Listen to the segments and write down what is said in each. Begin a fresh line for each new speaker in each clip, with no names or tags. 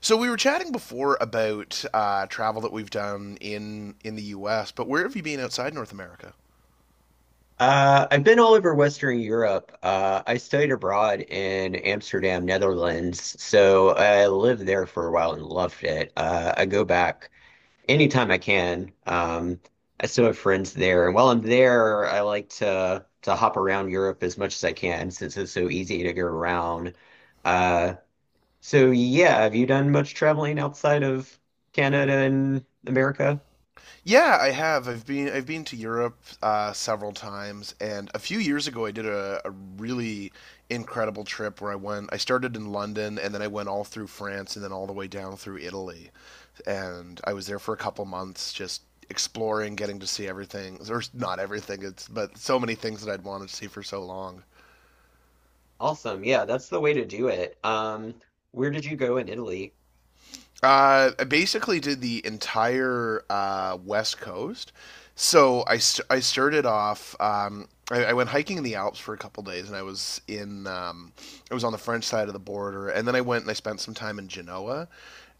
So we were chatting before about travel that we've done in the U.S., but where have you been outside North America?
I've been all over Western Europe. I studied abroad in Amsterdam, Netherlands. So I lived there for a while and loved it. I go back anytime I can. I still have friends there. And while I'm there, I like to hop around Europe as much as I can since it's so easy to go around. Uh, so yeah, have you done much traveling outside of Canada and America?
Yeah, I have. I've been to Europe several times, and a few years ago I did a really incredible trip where I went. I started in London, and then I went all through France, and then all the way down through Italy, and I was there for a couple months just exploring, getting to see everything, or not everything, it's but so many things that I'd wanted to see for so long.
Awesome. Yeah, that's the way to do it. Where did you go in Italy?
I basically did the entire West Coast. I started off. I went hiking in the Alps for a couple days, and I was in. I was on the French side of the border, and then I went and I spent some time in Genoa,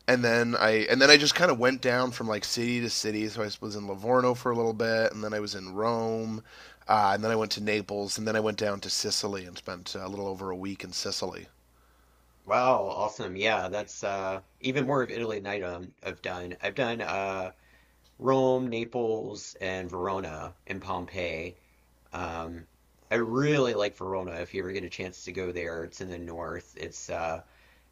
and then I just kind of went down from like city to city. So I was in Livorno for a little bit, and then I was in Rome, and then I went to Naples, and then I went down to Sicily and spent a little over a week in Sicily.
Wow, awesome. Yeah, that's even more of Italy than I've done. I've done Rome, Naples, and Verona and Pompeii. Um I really like Verona if you ever get a chance to go there. It's in the north. It's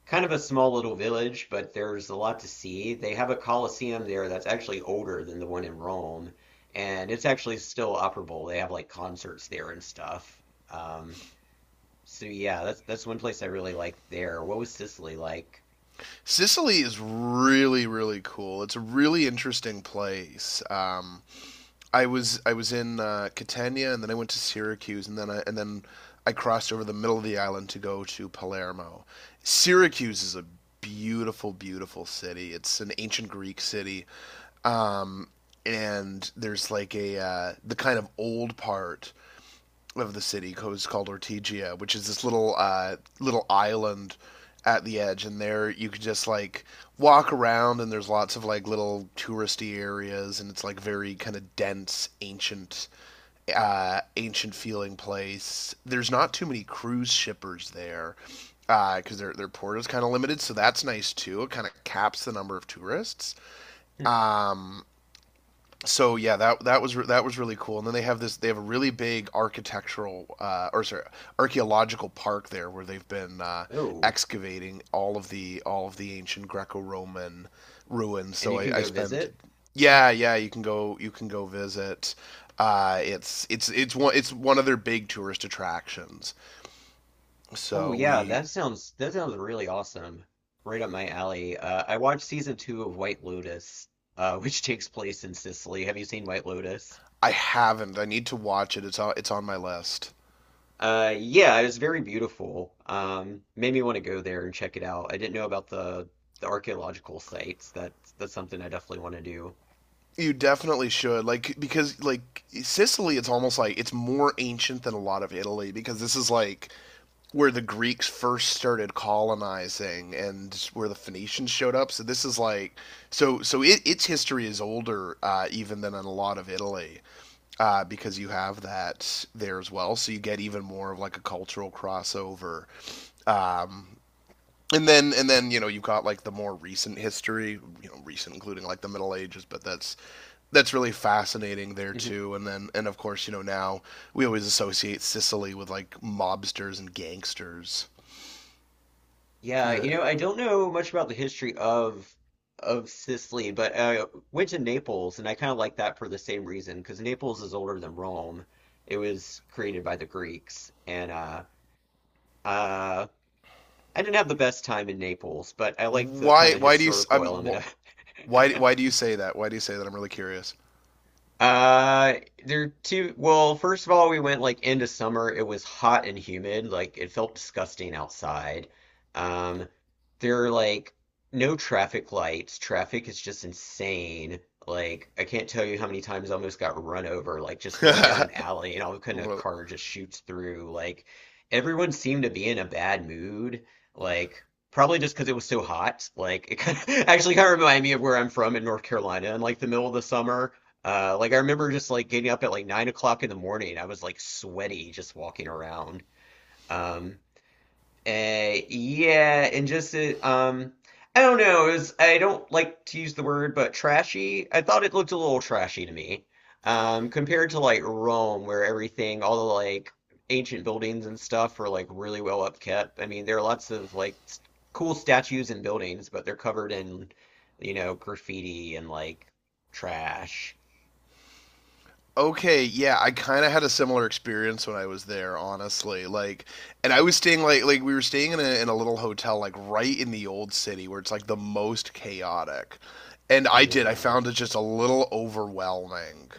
kind of a small little village, but there's a lot to see. They have a Colosseum there that's actually older than the one in Rome, and it's actually still operable. They have like concerts there and stuff. Um so yeah, that's one place I really like there. What was Sicily like?
Sicily is really cool. It's a really interesting place. I was in Catania and then I went to Syracuse and then I crossed over the middle of the island to go to Palermo. Syracuse is a beautiful city. It's an ancient Greek city, and there's like a the kind of old part of the city is called Ortigia, which is this little island at the edge, and there you could just like walk around, and there's lots of like little touristy areas, and it's like very kind of dense, ancient, ancient feeling place. There's not too many cruise shippers there because their port is kind of limited, so that's nice too. It kind of caps the number of tourists, so yeah, that was really cool. And then they have a really big architectural or sorry archaeological park there where they've been
Oh,
excavating all of the ancient Greco-Roman ruins.
and you can
I
go
spent
visit?
yeah, yeah, you can go, you can go visit. It's one of their big tourist attractions.
Oh
So
yeah,
we
that sounds really awesome. Right up my alley. I watched season two of White Lotus, which takes place in Sicily. Have you seen White Lotus?
I haven't, I need to watch it. It's on, it's on my list.
Yeah, it was very beautiful. Made me want to go there and check it out. I didn't know about the archaeological sites. That's something I definitely want to do.
You definitely should, like, because like Sicily, it's almost like it's more ancient than a lot of Italy because this is like where the Greeks first started colonizing and where the Phoenicians showed up. So this is like, so it, its history is older even than in a lot of Italy, because you have that there as well. So you get even more of like a cultural crossover, and then you know you've got like the more recent history, you know, recent including like the Middle Ages, but that's really fascinating there
Mm-hmm.
too. And of course you know now we always associate Sicily with like mobsters and gangsters.
Yeah,
Uh,
you know, I don't know much about the history of Sicily, but I went to Naples, and I kind of like that for the same reason because Naples is older than Rome. It was created by the Greeks, and uh, I didn't have the best time in Naples, but I liked the kind
why
of
why do you s-
historical
I'm
element of
why
it.
do you say that? Why do you say that? I'm really curious.
Uh, there are two. Well, first of all, we went like into summer. It was hot and humid. Like it felt disgusting outside. Um, there are like no traffic lights. Traffic is just insane. Like I can't tell you how many times I almost got run over. Like just going down an alley and all of a sudden a car just shoots through. Like everyone seemed to be in a bad mood. Like probably just because it was so hot. Like it kind of, actually kind of reminded me of where I'm from in North Carolina in like the middle of the summer, like I remember just like getting up at like 9 o'clock in the morning. I was like sweaty just walking around. Um, yeah, and I don't know. It was I don't like to use the word, but trashy. I thought it looked a little trashy to me. Compared to like Rome, where everything, all the like ancient buildings and stuff were like really well upkept. I mean, there are lots of like cool statues and buildings, but they're covered in, you know, graffiti and like trash.
okay, yeah, I kind of had a similar experience when I was there, honestly. Like, and I was staying like we were staying in a little hotel like right in the old city where it's like the most chaotic. And I did. I
Yeah.
found it just a little overwhelming.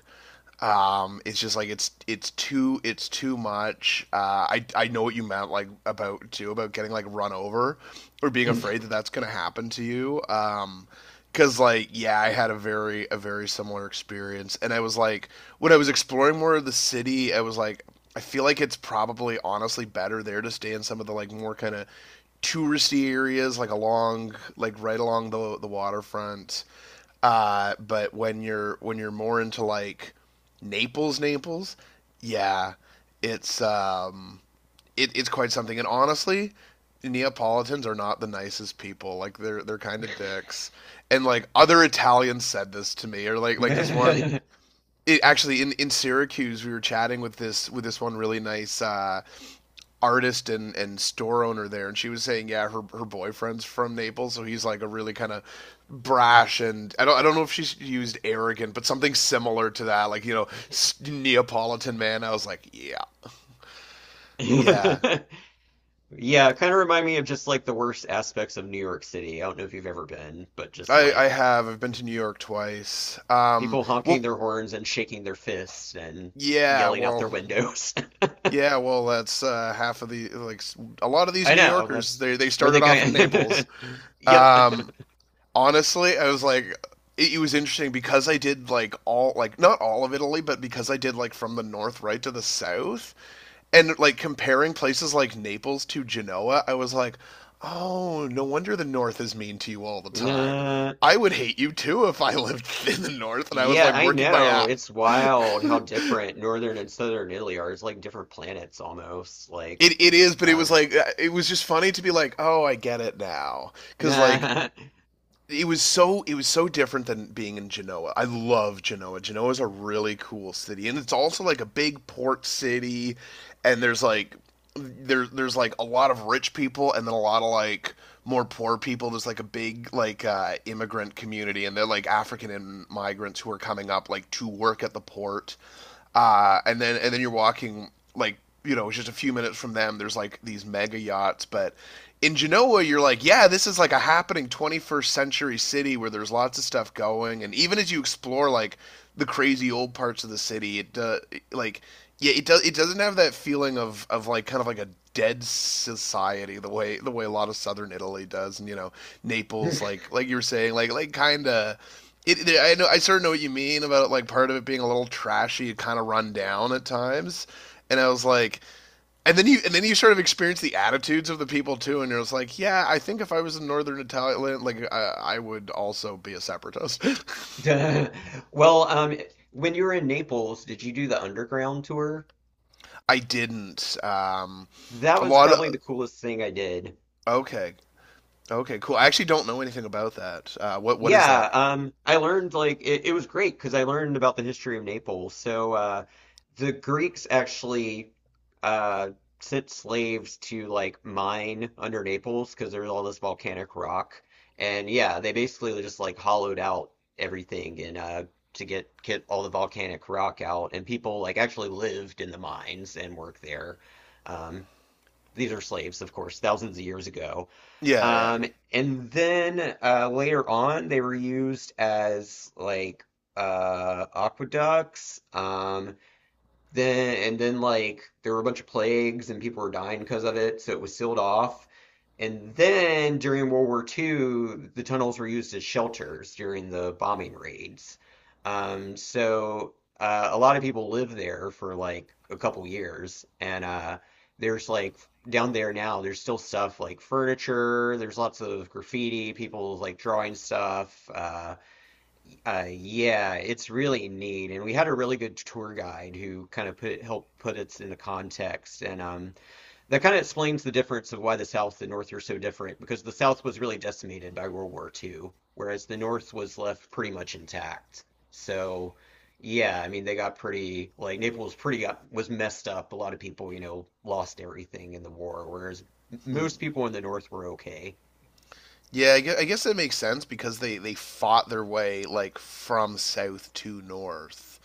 It's just like it's too much. I know what you meant like about too about getting like run over or being afraid that that's gonna happen to you. Because like yeah, I had a very similar experience, and I was like, when I was exploring more of the city, I was like, I feel like it's probably honestly better there to stay in some of the like more kind of touristy areas like along like right along the waterfront, but when you're more into like Naples, yeah, it's um, it, it's quite something. And honestly, Neapolitans are not the nicest people. Like they're kind of dicks. And like other Italians said this to me, or like this one.
Yeah,
It, in Syracuse we were chatting with this one really nice artist, and store owner there, and she was saying yeah, her boyfriend's from Naples, so he's like a really kind of brash and I don't know if she used arrogant but something similar to that, like, you know, Neapolitan man, I was like yeah, yeah.
kind of remind me of just like the worst aspects of New York City. I don't know if you've ever been, but just
I
like
have, I've been to New York twice, um,
people honking
well,
their horns and shaking their fists and
yeah,
yelling out their
well,
windows.
yeah, well, that's half of the like a lot of these
I
New
know,
Yorkers,
that's
they
where they
started off in
going.
Naples.
Yep.
um Honestly, I was like, it was interesting because I did like all, like not all of Italy, but because I did like from the north right to the south, and like comparing places like Naples to Genoa, I was like, oh, no wonder the north is mean to you all the time.
Uh,
I would hate you too if I lived in the north and I was
yeah,
like
I
working my
know.
ass.
It's
it
wild how different northern and southern Italy are. It's like different planets almost. Like,
is, but it was
um,
like, it was just funny to be like, oh, I get it now, because like
nah.
it was so different than being in Genoa. I love Genoa. Genoa is a really cool city, and it's also like a big port city, and there's like there's like a lot of rich people and then a lot of like more poor people. There's like a big like immigrant community, and they're like African and migrants who are coming up like to work at the port, and then you're walking like, you know, just a few minutes from them. There's like these mega yachts, but in Genoa, you're like, yeah, this is like a happening 21st century city where there's lots of stuff going, and even as you explore like the crazy old parts of the city, it like yeah, it does, it doesn't have that feeling of like kind of like a dead society the way a lot of southern Italy does, and you know Naples, like you were saying, like kind of it, I know. I sort of know what you mean about it, like part of it being a little trashy, kind of run down at times. And I was like, and then you sort of experience the attitudes of the people too. And you're just like, yeah, I think if I was in Northern Italy, like I would also be a separatist.
Duh. Well, when you were in Naples, did you do the underground tour?
I didn't.
That
A
was
lot of
probably the coolest thing I did.
okay, okay, cool. I actually don't know anything about that. What is that?
Yeah, I learned it was great because I learned about the history of Naples. So the Greeks actually uh, sent slaves to like mine under Naples because there's all this volcanic rock, and yeah, they basically just like hollowed out everything and to get all the volcanic rock out, and people like actually lived in the mines and worked there. Um, these are slaves, of course, thousands of years ago.
Yeah, yeah.
Um, and then later on, they were used as like aqueducts. Then and then like there were a bunch of plagues and people were dying because of it, so it was sealed off. And then during World War II, the tunnels were used as shelters during the bombing raids. So a lot of people lived there for like a couple years. And there's like down there now, there's still stuff like furniture, there's lots of graffiti, people like drawing stuff. Yeah, it's really neat. And we had a really good tour guide who kind of put helped put it into context. And that kind of explains the difference of why the South and North are so different, because the South was really decimated by World War II, whereas the North was left pretty much intact. So, yeah, I mean, they got pretty, like, was messed up. A lot of people, you know, lost everything in the war, whereas
Hmm.
most people in the North were okay.
Yeah, I guess that makes sense because they fought their way like from south to north.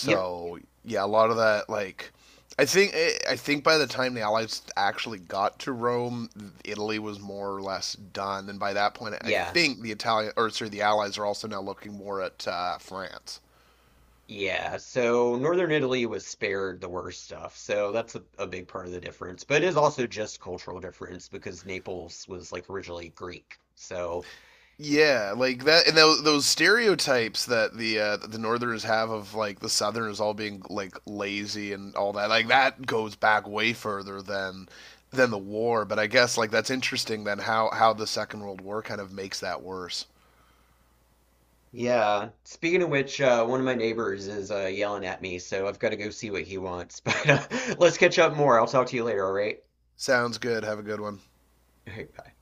Yep,
yeah, a lot of that like I think I think by the time the Allies actually got to Rome, Italy was more or less done, and by that point, I
yeah,
think the Italian, or sorry, the Allies are also now looking more at France.
yeah. So, Northern Italy was spared the worst stuff. So, that's a big part of the difference. But it is also just cultural difference because Naples was, like, originally Greek. So,
Yeah, like that, and those stereotypes that the Northerners have of like the Southerners all being like lazy and all that, like that goes back way further than the war. But I guess like that's interesting then how the Second World War kind of makes that worse.
yeah. Speaking of which, one of my neighbors is yelling at me, so I've got to go see what he wants. But let's catch up more. I'll talk to you later, all right?
Sounds good. Have a good one.
All right, bye.